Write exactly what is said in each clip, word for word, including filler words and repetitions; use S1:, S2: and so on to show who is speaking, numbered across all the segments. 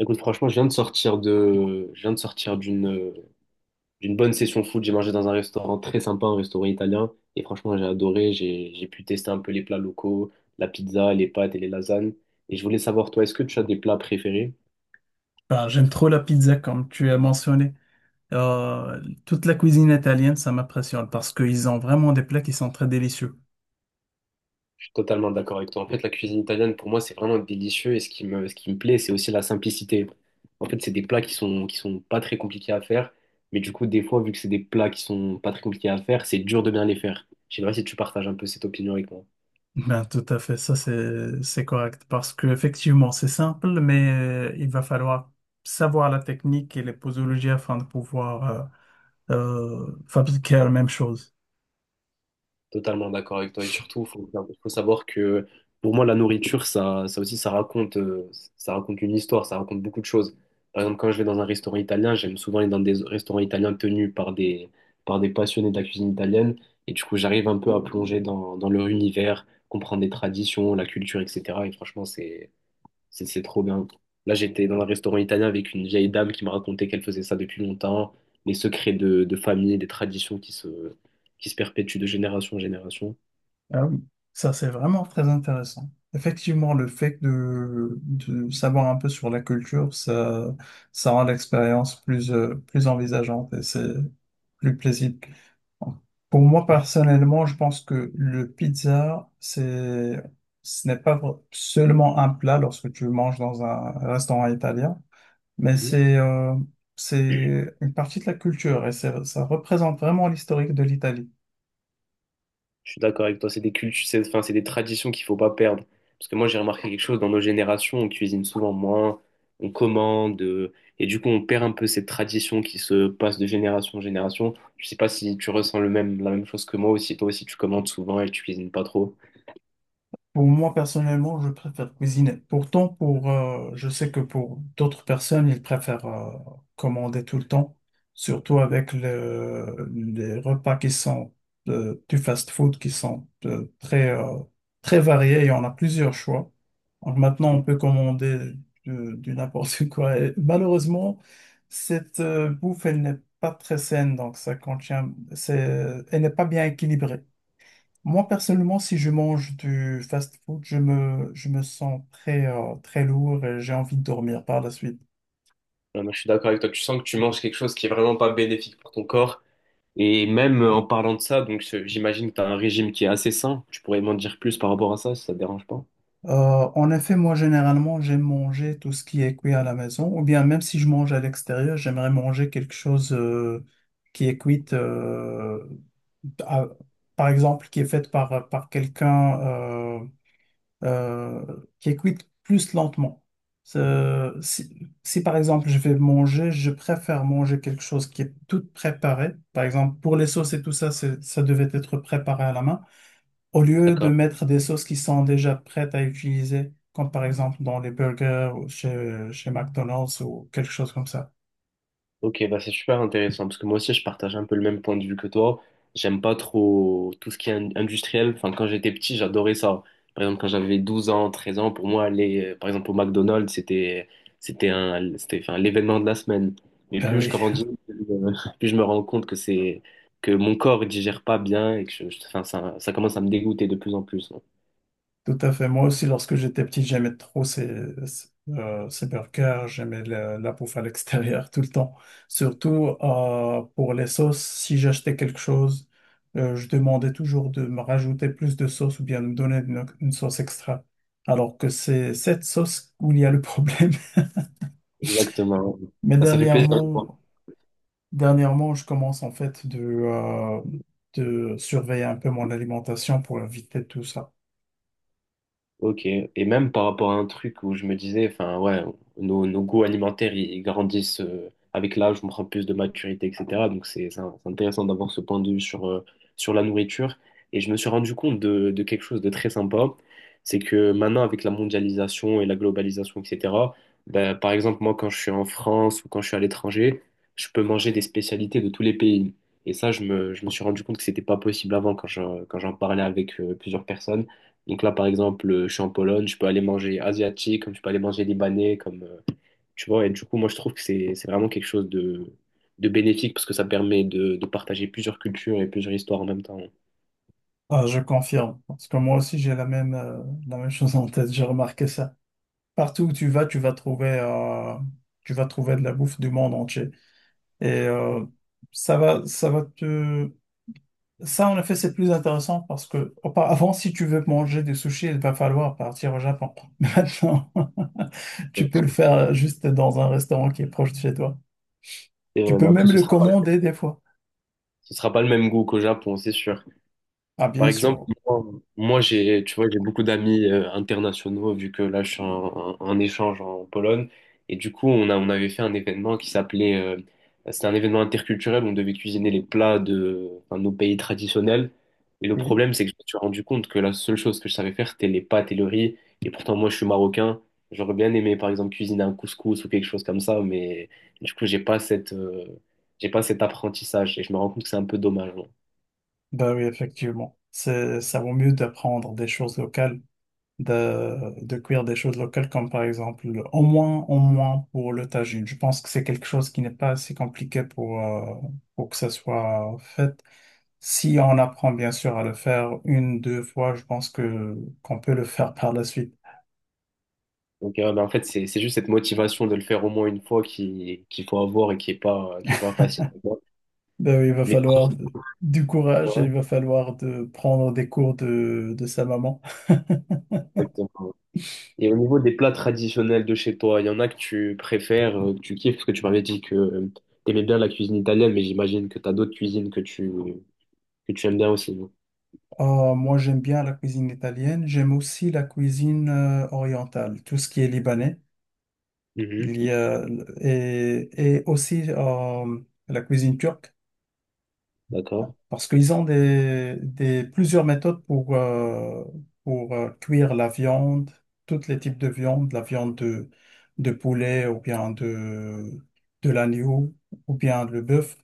S1: Écoute, franchement, je viens de sortir de, je viens de sortir d'une, d'une bonne session foot. J'ai mangé dans un restaurant très sympa, un restaurant italien. Et franchement, j'ai adoré. J'ai, j'ai pu tester un peu les plats locaux, la pizza, les pâtes et les lasagnes. Et je voulais savoir, toi, est-ce que tu as des plats préférés?
S2: Ah, j'aime trop la pizza comme tu as mentionné. Euh, toute la cuisine italienne, ça m'impressionne parce qu'ils ont vraiment des plats qui sont très délicieux.
S1: Je suis totalement d'accord avec toi. En fait, la cuisine italienne, pour moi, c'est vraiment délicieux. Et ce qui me, ce qui me plaît, c'est aussi la simplicité. En fait, c'est des plats qui sont, qui sont pas très compliqués à faire. Mais du coup, des fois, vu que c'est des plats qui sont pas très compliqués à faire, c'est dur de bien les faire. Je sais pas si tu partages un peu cette opinion avec moi.
S2: Ben, tout à fait, ça c'est c'est correct parce que effectivement c'est simple, mais euh, il va falloir savoir la technique et les posologies afin de pouvoir euh, euh, fabriquer la même chose.
S1: Totalement d'accord avec toi. Et surtout, il faut, faut savoir que pour moi, la nourriture, ça, ça aussi, ça raconte, euh, ça raconte une histoire, ça raconte beaucoup de choses. Par exemple, quand je vais dans un restaurant italien, j'aime souvent aller dans des restaurants italiens tenus par des, par des passionnés de la cuisine italienne. Et du coup, j'arrive un peu à plonger dans, dans leur univers, comprendre les traditions, la culture, et cetera. Et franchement, c'est, c'est c'est trop bien. Là, j'étais dans un restaurant italien avec une vieille dame qui me racontait qu'elle faisait ça depuis longtemps, les secrets de, de famille, des traditions qui se, qui se perpétuent de génération en génération.
S2: Ah oui, ça c'est vraiment très intéressant. Effectivement, le fait de, de savoir un peu sur la culture, ça, ça rend l'expérience plus, euh, plus envisageante et c'est plus plaisible. Pour moi, personnellement, je pense que le pizza, c'est, ce n'est pas vr- seulement un plat lorsque tu manges dans un restaurant italien, mais
S1: Mhm.
S2: c'est euh, c'est une partie de la culture et c'est- ça représente vraiment l'historique de l'Italie.
S1: Je suis d'accord avec toi, c'est des cultures, c'est, enfin, c'est des traditions qu'il faut pas perdre. Parce que moi, j'ai remarqué quelque chose dans nos générations, on cuisine souvent moins, on commande, euh, et du coup, on perd un peu cette tradition qui se passe de génération en génération. Je sais pas si tu ressens le même, la même chose que moi aussi. Toi aussi, tu commandes souvent et tu cuisines pas trop.
S2: Pour moi, personnellement, je préfère cuisiner. Pourtant, pour, euh, je sais que pour d'autres personnes, ils préfèrent euh, commander tout le temps, surtout avec le- les repas qui sont euh, du fast-food, qui sont euh, très, euh, très variés et on a plusieurs choix. Donc maintenant, on peut commander du, du n'importe quoi. Et malheureusement, cette euh, bouffe, elle n'est pas très saine, donc ça contient, c'est, elle n'est pas bien équilibrée. Moi, personnellement, si je mange du fast-food, je me, je me sens très, euh, très lourd et j'ai envie de dormir par la suite.
S1: Ouais, moi, je suis d'accord avec toi. Tu sens que tu manges quelque chose qui est vraiment pas bénéfique pour ton corps. Et même euh, en parlant de ça, donc je- j'imagine que tu as un régime qui est assez sain. Tu pourrais m'en dire plus par rapport à ça, si ça te dérange pas.
S2: Euh, en effet, moi, généralement, j'aime manger tout ce qui est cuit à la maison, ou bien même si je mange à l'extérieur, j'aimerais manger quelque chose euh, qui est cuit, euh, à- par exemple, qui est fait par, par quelqu'un. euh, euh, qui est cuite plus lentement. Euh, Si, si, par exemple je vais manger, je préfère manger quelque chose qui est tout préparé. Par exemple, pour les sauces et tout ça, c'est- ça devait être préparé à la main. Au lieu de mettre des sauces qui sont déjà prêtes à utiliser, comme par exemple dans les burgers ou chez, chez McDonald's ou quelque chose comme ça.
S1: Ok, bah c'est super intéressant parce que moi aussi je partage un peu le même point de vue que toi. J'aime pas trop tout ce qui est in- industriel. Enfin, quand j'étais petit, j'adorais ça. Par exemple, quand j'avais douze ans, treize ans, pour moi, aller euh, par exemple au McDonald's, c'était c'était un c'était enfin l'événement de la semaine. Mais
S2: Ben
S1: plus je
S2: oui.
S1: grandis, euh, plus je me rends compte que c'est que mon corps il digère pas bien et que je, je- enfin, ça, ça commence à me dégoûter de plus en plus.
S2: Tout à fait. Moi aussi, lorsque j'étais petit, j'aimais trop ces, ces, euh, ces burgers. J'aimais le- la bouffe à l'extérieur tout le temps. Surtout euh, pour les sauces, si j'achetais quelque chose, euh, je demandais toujours de me rajouter plus de sauce ou bien de me donner une, une sauce extra. Alors que c'est cette sauce où il y a le problème.
S1: Exactement.
S2: Mais
S1: Bah, ça fait plaisir.
S2: dernièrement, dernièrement, je commence en fait de, euh, de surveiller un peu mon alimentation pour éviter tout ça.
S1: Ok, et même par rapport à un truc où je me disais, enfin ouais, nos, nos goûts alimentaires, ils grandissent euh, avec l'âge, on prend plus de maturité, et cetera. Donc c'est c'est un- c'est intéressant d'avoir ce point de vue sur, euh, sur la nourriture. Et je me suis rendu compte de, de quelque chose de très sympa, c'est que maintenant avec la mondialisation et la globalisation, et cetera, ben, par exemple moi quand je suis en France ou quand je suis à l'étranger, je peux manger des spécialités de tous les pays. Et ça, je me, je me suis rendu compte que c'était pas possible avant quand je- quand j'en parlais avec euh, plusieurs personnes. Donc là, par exemple, euh, je suis en Pologne, je peux aller manger asiatique, comme je peux aller manger libanais, comme, euh, tu vois. Et du coup, moi, je trouve que c'est, c'est vraiment quelque chose de, de bénéfique parce que ça permet de, de partager plusieurs cultures et plusieurs histoires en même temps.
S2: Ah, je confirme, parce que moi aussi j'ai la même, euh, la même chose en tête, j'ai remarqué ça. Partout où tu vas, tu vas trouver, euh, tu vas trouver de la bouffe du monde entier. Et euh, ça va, ça va te, ça, en effet, c'est plus intéressant parce que auparavant, si tu veux manger des sushis, il va falloir partir au Japon. Maintenant, tu peux le faire juste dans un restaurant qui est proche de chez toi.
S1: Et,
S2: Tu
S1: euh,
S2: peux
S1: mais après,
S2: même
S1: ce
S2: le
S1: sera pas,
S2: commander des fois.
S1: ce sera pas le même goût qu'au Japon, c'est sûr.
S2: Ah,
S1: Par
S2: bien
S1: exemple,
S2: sûr.
S1: moi, moi, j'ai, tu vois, j'ai beaucoup d'amis euh, internationaux vu que là, je suis en, en- en échange en Pologne. Et du coup, on a, on avait fait un événement qui s'appelait, euh, c'était un événement interculturel. On devait cuisiner les plats de, enfin, nos pays traditionnels. Et le
S2: Oui.
S1: problème, c'est que je me suis rendu compte que la seule chose que je savais faire, c'était les pâtes et le riz. Et pourtant, moi, je suis marocain. J'aurais bien aimé, par exemple, cuisiner un couscous ou quelque chose comme ça. Mais du coup, j'ai pas cette, euh, j'ai pas cet apprentissage. Et je me rends compte que c'est un peu dommage.
S2: Ben oui, effectivement. C'est, ça vaut mieux d'apprendre des choses locales, de, de cuire des choses locales comme par exemple, le- au moins, au moins pour le tagine. Je pense que c'est quelque chose qui n'est pas assez compliqué pour, euh, pour que ça soit fait. Si on apprend bien sûr à le faire une, deux fois, je pense que qu'on peut le faire par la suite.
S1: Donc, euh, bah, en fait, c'est c'est juste cette motivation de le faire au moins une fois qui, qu'il faut avoir et qui est pas, qui est pas facile à avoir.
S2: Ben oui, il va
S1: Mais,
S2: falloir de- du courage et
S1: ouais,
S2: il va falloir de prendre des cours de, de sa maman.
S1: exactement. Et au niveau des plats traditionnels de chez toi, il y en a que tu préfères, euh, que tu kiffes, parce que tu m'avais dit que tu aimais bien la cuisine italienne, mais j'imagine que tu as d'autres cuisines que tu, que tu, aimes bien aussi, non?
S2: Ah, moi, j'aime bien la cuisine italienne. J'aime aussi la cuisine euh, orientale, tout ce qui est libanais.
S1: Mhm.
S2: Il y a, et, et aussi euh, la cuisine turque.
S1: D'accord.
S2: Parce qu'ils ont des, des- plusieurs méthodes pour, euh, pour euh, cuire la viande, tous les types de viande, la viande de, de poulet ou bien de, de l'agneau ou bien le bœuf.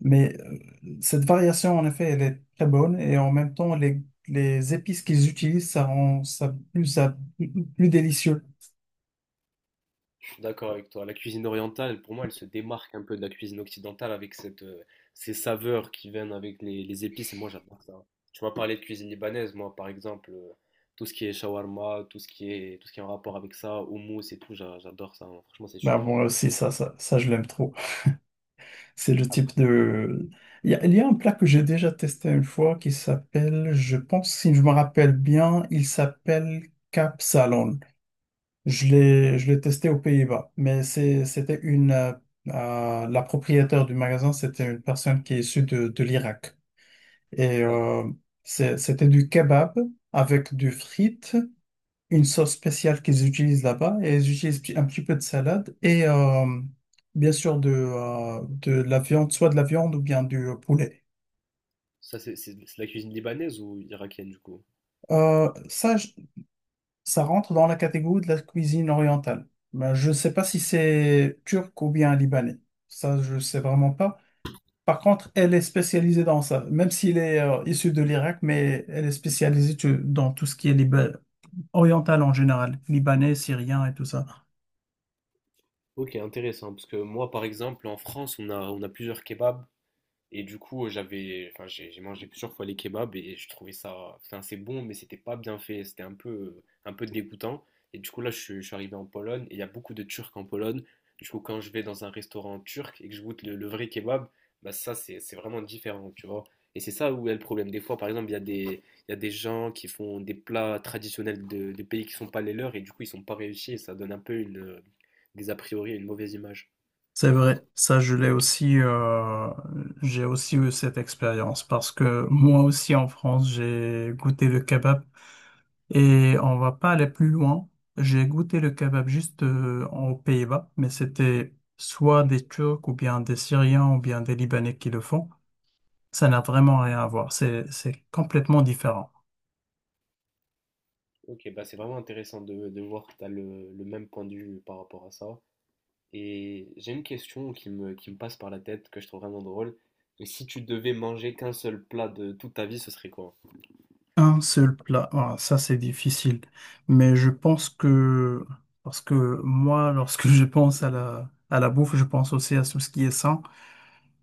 S2: Mais euh, cette variation, en effet, elle est très bonne et en même temps, les, les épices qu'ils utilisent, ça rend ça plus, ça plus délicieux.
S1: D'accord avec toi. La cuisine orientale, pour moi, elle se démarque un peu de la cuisine occidentale avec cette, euh, ces saveurs qui viennent avec les, les épices. Et moi, j'adore ça. Tu m'as parlé de cuisine libanaise. Moi, par exemple, euh, tout ce qui est shawarma, tout ce qui est, tout ce qui est en rapport avec ça, houmous et tout, j'a- j'adore ça, hein. Franchement, c'est
S2: Ben,
S1: super
S2: moi
S1: bon.
S2: aussi, ça, ça, ça, je l'aime trop. C'est le
S1: Après.
S2: type de... Il y a, il y a un plat que j'ai déjà testé une fois qui s'appelle, je pense, si je me rappelle bien, il s'appelle Salon. Je l'ai, je l'ai testé aux Pays-Bas, mais c'est- c'était une... euh, euh, la propriétaire du magasin, c'était une personne qui est issue de, de l'Irak. Et
S1: D'accord.
S2: euh, c'est- c'était du kebab avec du frites, une sauce spéciale qu'ils utilisent là-bas et ils utilisent un petit peu de salade et euh, bien sûr de, euh, de la viande, soit de la viande ou bien du euh, poulet.
S1: Ça, c'est c'est- c'est la cuisine libanaise ou irakienne, du coup?
S2: Euh, ça, je- ça rentre dans la catégorie de la cuisine orientale. Mais je ne sais pas si c'est turc ou bien libanais. Ça, je ne sais vraiment pas. Par contre, elle est spécialisée dans ça, même s'il est euh, issu de l'Irak, mais elle est spécialisée tu- dans tout ce qui est libanais, orientale en général, libanais, syrien et tout ça.
S1: Ok, intéressant. Parce que moi, par exemple, en France, on a, on a plusieurs kebabs. Et du coup, euh, j'avais, enfin, j'ai j'ai mangé plusieurs fois les kebabs et je trouvais ça, enfin, c'est bon, mais c'était pas bien fait, c'était un peu, un peu dégoûtant. Et du coup, là, je, suis- je suis arrivé en Pologne et il y a beaucoup de Turcs en Pologne. Du coup, quand je vais dans un restaurant turc et que je goûte le, le vrai kebab, bah ça, c'est, c'est vraiment différent, tu vois. Et c'est ça où est le problème. Des fois, par exemple, il y a des, il y a des gens qui font des plats traditionnels de, de pays qui sont pas les leurs et du coup, ils sont pas réussis et ça donne un peu une, des a priori, une mauvaise image.
S2: C'est vrai, ça je l'ai aussi, euh, j'ai aussi eu cette expérience parce que moi aussi en France j'ai goûté le kebab. Et on va pas aller plus loin. J'ai goûté le kebab juste euh, aux Pays-Bas, mais c'était soit des Turcs ou bien des Syriens ou bien des Libanais qui le font. Ça n'a vraiment rien à voir. C'est, c'est complètement différent.
S1: Ok, bah c'est vraiment intéressant de, de voir que tu as le, le même point de vue par rapport à ça. Et j'ai une question qui me, qui me passe par la tête, que je trouve vraiment drôle. Mais si tu devais manger qu'un seul plat de toute ta vie, ce serait quoi?
S2: Un seul plat, ah, ça c'est difficile. Mais je pense que, parce que moi, lorsque je pense à la, à la bouffe, je pense aussi à tout ce qui est sain.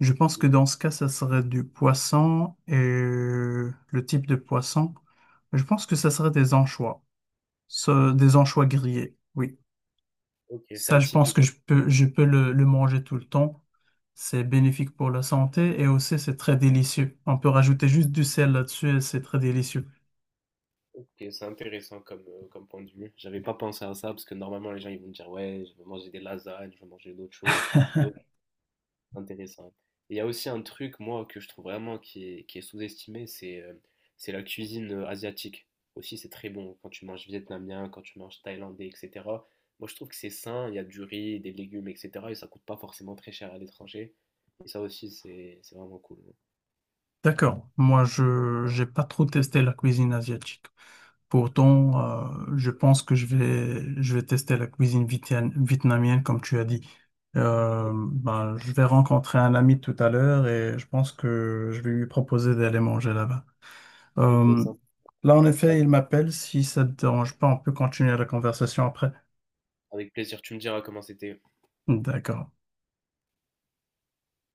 S2: Je pense que
S1: Mhm.
S2: dans ce cas, ça serait du poisson et le type de poisson. Je pense que ça serait des anchois, Ce- des anchois grillés. Oui,
S1: Ok, c'est
S2: ça, je pense
S1: atypique.
S2: que je peux, je peux le, le manger tout le temps. C'est bénéfique pour la santé et aussi c'est très délicieux. On peut rajouter juste du sel là-dessus et c'est très délicieux.
S1: Ok, c'est intéressant comme, euh, comme point de vue. J'avais pas pensé à ça parce que normalement les gens ils vont me dire ouais, je veux manger des lasagnes, je veux manger d'autres choses. Mais intéressant. Et il y a aussi un truc, moi, que je trouve vraiment qui est, qui est sous-estimé, c'est euh, c'est la cuisine euh, asiatique. Aussi, c'est très bon quand tu manges vietnamien, quand tu manges thaïlandais, et cetera. Moi, je trouve que c'est sain, il y a du riz, des légumes, et cetera. Et ça coûte pas forcément très cher à l'étranger. Et ça aussi, c'est c'est vraiment cool.
S2: D'accord. Moi, je j'ai pas trop testé la cuisine asiatique. Pourtant, euh, je pense que je vais je vais tester la cuisine vietnam- vietnamienne, comme tu as dit. Euh, ben, je vais rencontrer un ami tout à l'heure et je pense que je vais lui proposer d'aller manger là-bas.
S1: Ok,
S2: Euh,
S1: ça.
S2: Là, en
S1: Bah,
S2: effet, il m'appelle. Si ça te dérange pas, on peut continuer la conversation après.
S1: avec plaisir, tu me diras comment c'était.
S2: D'accord.